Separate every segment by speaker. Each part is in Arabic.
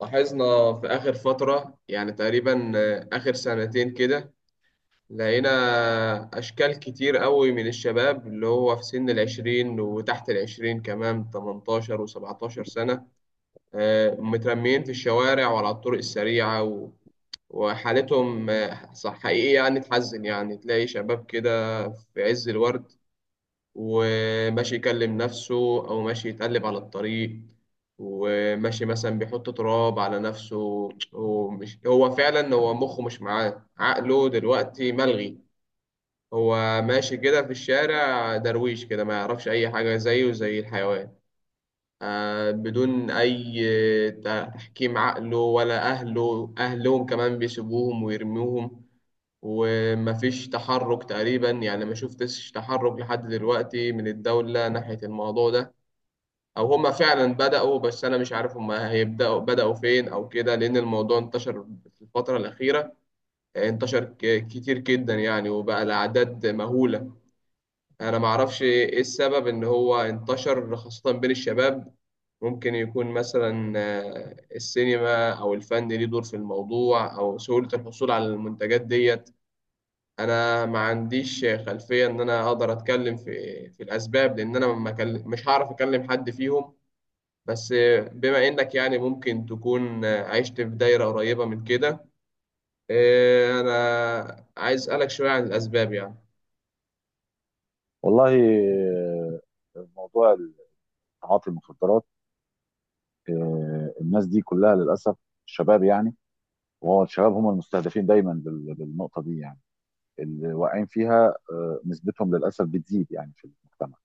Speaker 1: لاحظنا في آخر فترة يعني تقريبا آخر سنتين كده، لقينا أشكال كتير قوي من الشباب اللي هو في سن العشرين وتحت العشرين كمان، 18 وسبعتاشر سنة. مترميين في الشوارع وعلى الطرق السريعة وحالتهم صح، حقيقي يعني تحزن، يعني تلاقي شباب كده في عز الورد وماشي يكلم نفسه، أو ماشي يتقلب على الطريق، وماشي مثلا بيحط تراب على نفسه. هو فعلا مخه مش معاه، عقله دلوقتي ملغي. هو ماشي كده في الشارع درويش كده، ما يعرفش أي حاجة، زيه زي الحيوان، بدون أي تحكيم عقله، ولا أهلهم كمان بيسيبوهم ويرموهم. ومفيش تحرك تقريبا، يعني ما شفتش تحرك لحد دلوقتي من الدولة ناحية الموضوع ده، أو هما فعلا بدأوا بس أنا مش عارف هما بدأوا فين أو كده، لأن الموضوع انتشر في الفترة الأخيرة. انتشر كتير جدا يعني، وبقى الأعداد مهولة. أنا معرفش إيه السبب إن هو انتشر خاصة بين الشباب. ممكن يكون مثلا السينما أو الفن ليه دور في الموضوع، أو سهولة الحصول على المنتجات ديت. انا ما عنديش خلفيه ان انا اقدر اتكلم في الاسباب، لان انا ما كل- مش هعرف اكلم حد فيهم. بس بما انك يعني ممكن تكون عشت في دايره قريبه من كده، إيه، انا عايز اسالك شويه عن الاسباب يعني.
Speaker 2: والله، موضوع تعاطي المخدرات. الناس دي كلها للاسف شباب، يعني. وهو الشباب هم المستهدفين دايما بالنقطه دي، يعني اللي واقعين فيها. نسبتهم للاسف بتزيد، يعني في المجتمع.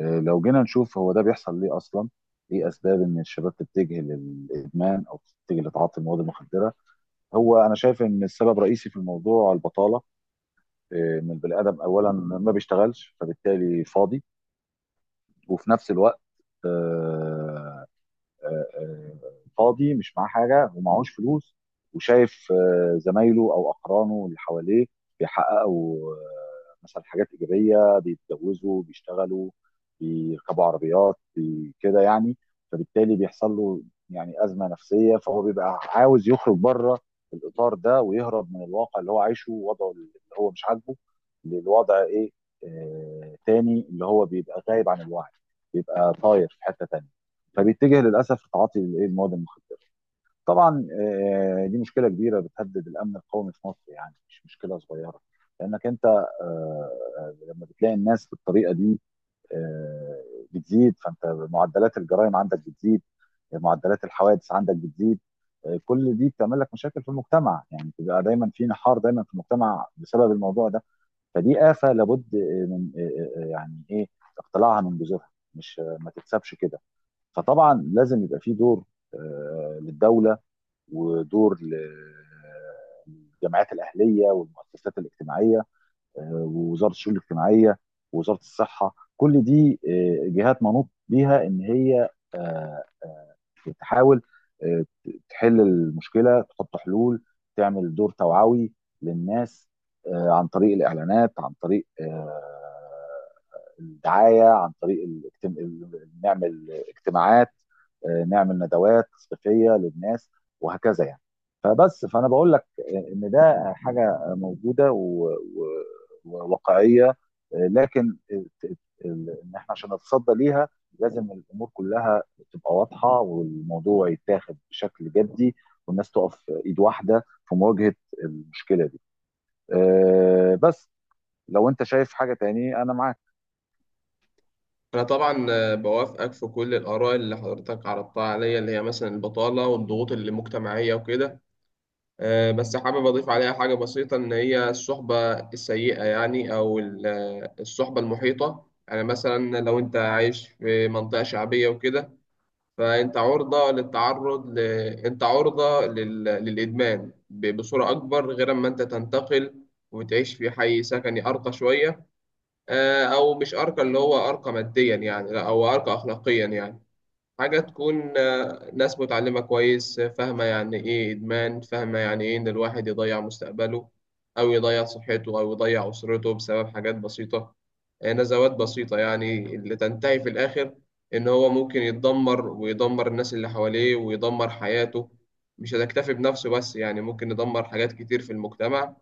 Speaker 2: لو جينا نشوف، هو ده بيحصل ليه اصلا؟ ايه اسباب ان الشباب تتجه للادمان او تتجه لتعاطي المواد المخدره؟ هو انا شايف ان السبب الرئيسي في الموضوع البطاله، ان البني ادم اولا ما بيشتغلش، فبالتالي فاضي. وفي نفس الوقت، آه، آه، آه، فاضي مش معاه حاجه ومعهوش فلوس، وشايف زمايله او اقرانه اللي حواليه بيحققوا، مثلا، حاجات ايجابيه، بيتجوزوا، بيشتغلوا، بيركبوا عربيات، كده يعني. فبالتالي بيحصل له يعني ازمه نفسيه، فهو بيبقى عاوز يخرج بره الاطار ده، ويهرب من الواقع اللي هو عايشه ووضعه اللي هو مش عاجبه للوضع، ايه تاني، اللي هو بيبقى غايب عن الوعي، بيبقى طاير في حته تانيه، فبيتجه للاسف لتعاطي الايه المواد المخدره. طبعا، دي مشكله كبيره بتهدد الامن القومي في مصر، يعني مش مشكله صغيره. لانك انت، لما بتلاقي الناس بالطريقه دي، آه، بتزيد، فانت معدلات الجرائم عندك بتزيد، معدلات الحوادث عندك بتزيد. كل دي بتعمل لك مشاكل في المجتمع، يعني بتبقى دايما في نحار دايما في المجتمع بسبب الموضوع ده. فدي آفة لابد، آه، من آه، آه، آه، يعني ايه، اقتلاعها من جذورها، مش ما تتسابش كده. فطبعا لازم يبقى في دور، للدوله، ودور للجمعيات الاهليه والمؤسسات الاجتماعيه، ووزاره الشؤون الاجتماعيه ووزاره الصحه. كل دي جهات منوط بيها ان هي، آه، آه، تحاول، تحل المشكله، تحط حلول، تعمل دور توعوي للناس، عن طريق الاعلانات، عن طريق الدعايه، عن طريق نعمل اجتماعات، نعمل ندوات تثقيفيه للناس، وهكذا يعني. فبس، فانا بقول لك ان ده حاجه موجوده وواقعيه، لكن ان احنا عشان نتصدى ليها، لازم الامور كلها تبقى واضحه والموضوع يتاخد بشكل جدي، والناس تقف ايد واحده في مواجهه المشكله دي. بس، لو انت شايف حاجه تاني، انا معاك.
Speaker 1: انا طبعا بوافقك في كل الاراء اللي حضرتك عرضتها عليا، اللي هي مثلا البطاله والضغوط المجتمعيه وكده. بس حابب أضيف عليها حاجة بسيطة، إن هي الصحبة السيئة يعني، أو الصحبة المحيطة، يعني مثلا لو أنت عايش في منطقة شعبية وكده، فأنت عرضة أنت عرضة للإدمان بصورة أكبر، غير أما أنت تنتقل وتعيش في حي سكني أرقى شوية. أو مش أرقى، اللي هو أرقى ماديا يعني لا، أو أرقى أخلاقيا يعني. حاجة تكون ناس متعلمة كويس، فاهمة يعني إيه إدمان، فاهمة يعني إيه إن الواحد يضيع مستقبله، أو يضيع صحته، أو يضيع أسرته بسبب حاجات بسيطة. نزوات بسيطة يعني، اللي تنتهي في الآخر إن هو ممكن يتدمر ويدمر الناس اللي حواليه ويدمر حياته. مش هتكتفي بنفسه بس، يعني ممكن يدمر حاجات كتير في المجتمع.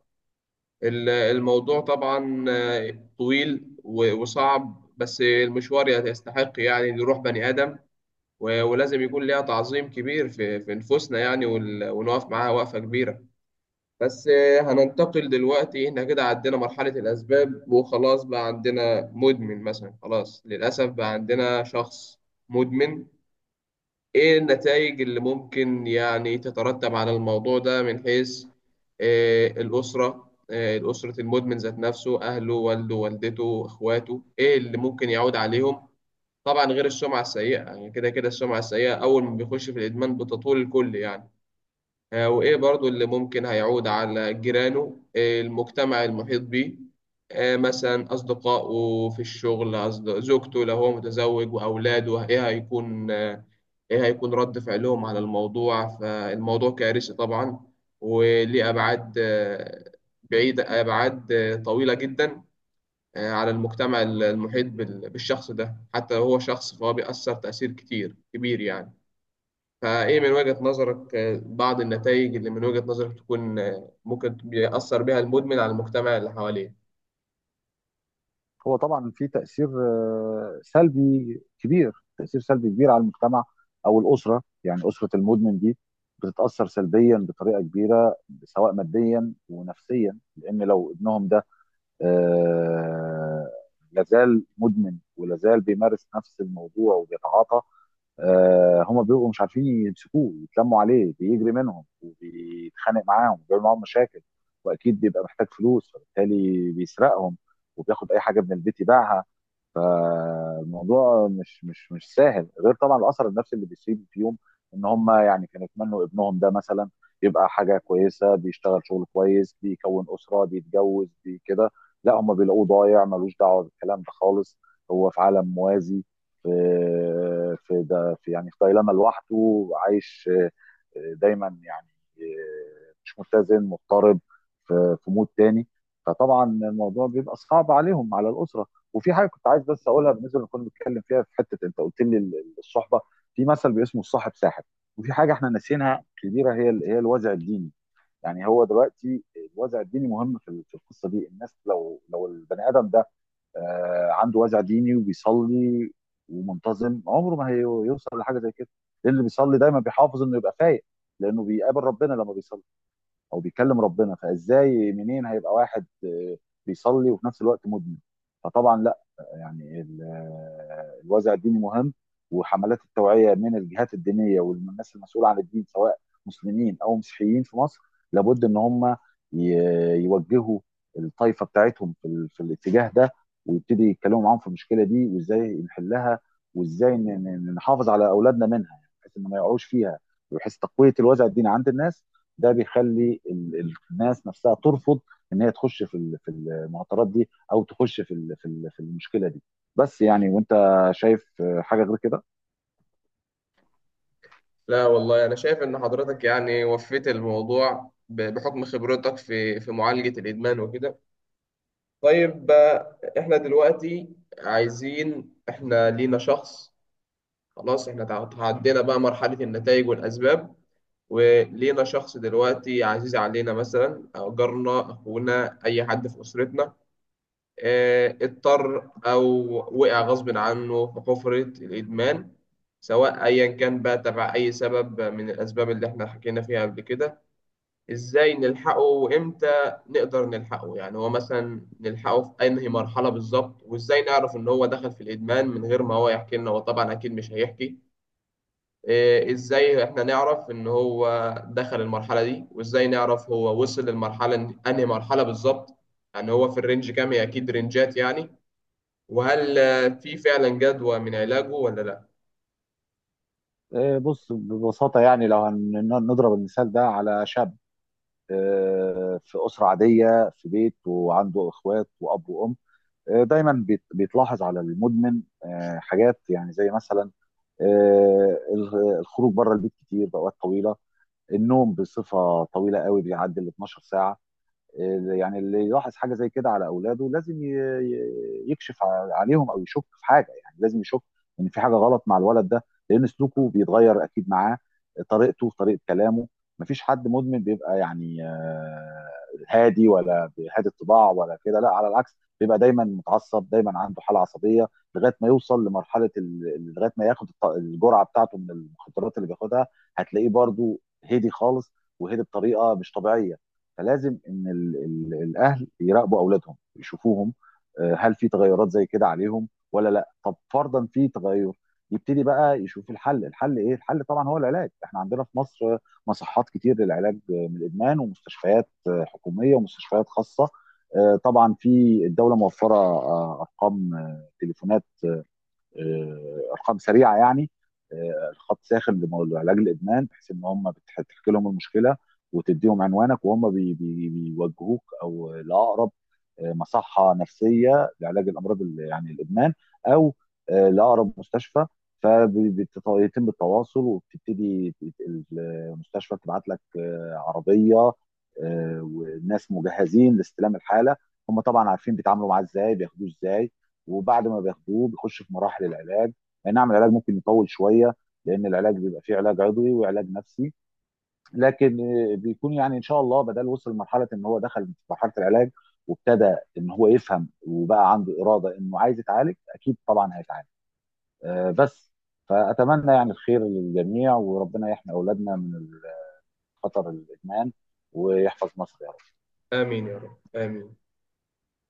Speaker 1: الموضوع طبعا طويل وصعب، بس المشوار يستحق يعني إن يروح بني آدم، ولازم يكون ليها تعظيم كبير في نفوسنا يعني، ونقف معاها وقفة كبيرة. بس هننتقل دلوقتي، احنا كده عدينا مرحلة الأسباب، وخلاص بقى عندنا مدمن مثلا، خلاص للأسف بقى عندنا شخص مدمن. ايه النتائج اللي ممكن يعني تترتب على الموضوع ده، من حيث الأسرة، المدمن ذات نفسه، أهله، والده، والدته، إخواته، إيه اللي ممكن يعود عليهم؟ طبعا غير السمعة السيئة، يعني كده كده السمعة السيئة أول ما بيخش في الإدمان بتطول الكل يعني. وإيه برضو اللي ممكن هيعود على جيرانه، المجتمع المحيط بيه، مثلا أصدقائه في الشغل، زوجته لو هو متزوج، وأولاده، إيه هيكون إيه هيكون رد فعلهم على الموضوع؟ فالموضوع كارثي طبعا، وليه أبعاد بعيدة، أبعاد طويلة جدا على المجتمع المحيط بالشخص ده. حتى لو هو شخص، فهو بيأثر تأثير كتير كبير يعني. فإيه من وجهة نظرك بعض النتائج اللي من وجهة نظرك تكون ممكن بيأثر بها المدمن على المجتمع اللي حواليه؟
Speaker 2: هو طبعا في تأثير سلبي كبير، تأثير سلبي كبير على المجتمع أو الأسرة، يعني أسرة المدمن دي بتتأثر سلبيا بطريقة كبيرة، سواء ماديا ونفسيا. لأن لو ابنهم ده، آه، لازال مدمن ولازال بيمارس نفس الموضوع وبيتعاطى، هم بيبقوا مش عارفين يمسكوه، يتلموا عليه بيجري منهم وبيتخانق معاهم وبيعمل معاهم مشاكل. واكيد بيبقى محتاج فلوس، فبالتالي بيسرقهم وبياخد اي حاجه من البيت يبيعها. فالموضوع مش سهل، غير طبعا الاثر النفسي اللي بيسيب فيهم. ان هم يعني كانوا يتمنوا ابنهم ده مثلا يبقى حاجه كويسه، بيشتغل شغل كويس، بيكون اسره، بيتجوز، كده. لا، هم بيلاقوه ضايع ملوش دعوه بالكلام ده خالص، هو في عالم موازي، في في ده في يعني في دايلاما لوحده عايش. دايما يعني مش متزن، مضطرب، في مود تاني. فطبعا الموضوع بيبقى صعب عليهم، على الاسره. وفي حاجه كنت عايز بس اقولها، بالنسبه اللي كنا بنتكلم فيها في حته انت قلت لي الصحبه، في مثل باسمه: الصاحب ساحب. وفي حاجه احنا ناسينها كبيره، هي الوازع الديني. يعني هو دلوقتي الوازع الديني مهم في القصه دي. الناس، لو البني ادم ده عنده وازع ديني وبيصلي ومنتظم، عمره ما هيوصل لحاجه زي كده، لان اللي بيصلي دايما بيحافظ انه يبقى فايق، لانه بيقابل ربنا لما بيصلي او بيكلم ربنا. فازاي منين هيبقى واحد بيصلي وفي نفس الوقت مدمن؟ فطبعا لا. يعني الوازع الديني مهم، وحملات التوعيه من الجهات الدينيه والناس المسؤوله عن الدين، سواء مسلمين او مسيحيين في مصر، لابد ان هم يوجهوا الطائفه بتاعتهم في، الاتجاه ده، ويبتدي يتكلموا معاهم في المشكله دي، وازاي نحلها، وازاي نحافظ على اولادنا منها، يعني بحيث ان ما يقعوش فيها، بحيث تقويه الوازع الديني عند الناس. ده بيخلي الناس نفسها ترفض ان هي تخش في المعطرات دي، او تخش في المشكله دي. بس يعني، وانت شايف حاجه غير كده؟
Speaker 1: لا والله، أنا شايف إن حضرتك يعني وفيت الموضوع بحكم خبرتك في معالجة الإدمان وكده. طيب إحنا دلوقتي عايزين، إحنا لينا شخص، خلاص إحنا تعدينا بقى مرحلة النتائج والأسباب، ولينا شخص دلوقتي عزيز علينا، مثلا أو جارنا، أخونا، أي حد في أسرتنا، اضطر أو وقع غصب عنه في حفرة الإدمان، سواء أيا كان بقى تبع أي سبب من الأسباب اللي إحنا حكينا فيها قبل كده. إزاي نلحقه؟ وإمتى نقدر نلحقه؟ يعني هو مثلا نلحقه في أنهي مرحلة بالظبط؟ وإزاي نعرف إن هو دخل في الإدمان من غير ما هو يحكي لنا؟ هو طبعا أكيد مش هيحكي. إيه، ازاي احنا نعرف ان هو دخل المرحله دي؟ وازاي نعرف هو وصل للمرحله انهي مرحله بالظبط؟ يعني هو في الرينج كام؟ هي اكيد رينجات يعني. وهل في فعلا جدوى من علاجه ولا لا؟
Speaker 2: بص، ببساطه يعني، لو نضرب المثال ده على شاب، في اسره عاديه، في بيت، وعنده اخوات واب وام، دايما بيتلاحظ على المدمن حاجات يعني زي مثلا، آه، الخروج بره البيت كتير باوقات طويله، النوم بصفه طويله قوي بيعدي ال 12 ساعه. يعني اللي يلاحظ حاجه زي كده على اولاده لازم يكشف عليهم، او يشك في حاجه، يعني لازم يشك ان في حاجه غلط مع الولد ده، لان سلوكه بيتغير اكيد معاه، طريقه كلامه. مفيش حد مدمن بيبقى يعني هادي، ولا هادي الطباع، ولا كده. لا، على العكس، بيبقى دايما متعصب، دايما عنده حاله عصبيه، لغايه ما يوصل لغايه ما ياخد الجرعه بتاعته من المخدرات اللي بياخدها. هتلاقيه برضو هادي خالص، وهادي بطريقه مش طبيعيه. فلازم ان ال ال الاهل يراقبوا اولادهم، يشوفوهم، هل في تغيرات زي كده عليهم ولا لا؟ طب فرضا في تغير، يبتدي بقى يشوف الحل ايه؟ الحل طبعا هو العلاج. احنا عندنا في مصر، مصحات كتير للعلاج من الادمان، ومستشفيات حكوميه ومستشفيات خاصه. طبعا في الدوله موفره ارقام، تليفونات، ارقام سريعه يعني، خط ساخن لعلاج الادمان، بحيث ان هم بتحكي لهم المشكله وتديهم عنوانك، وهم بي بي بيوجهوك او لاقرب مصحه نفسيه لعلاج الامراض، يعني الادمان، او لاقرب مستشفى. فبيتم التواصل، وبتبتدي المستشفى تبعت لك عربيه، والناس مجهزين لاستلام الحاله. هم طبعا عارفين بيتعاملوا معاه ازاي، بياخدوه ازاي، وبعد ما بياخدوه بيخش في مراحل العلاج. اي نعم العلاج ممكن يطول شويه، لان العلاج بيبقى فيه علاج عضوي وعلاج نفسي، لكن بيكون يعني ان شاء الله، بدل وصل لمرحله ان هو دخل في مرحله العلاج، وابتدى ان هو يفهم وبقى عنده اراده انه عايز يتعالج، اكيد طبعا هيتعالج. آه، بس فاتمنى يعني الخير للجميع، وربنا يحمي اولادنا من خطر الادمان، ويحفظ مصر.
Speaker 1: امين يا رب، امين.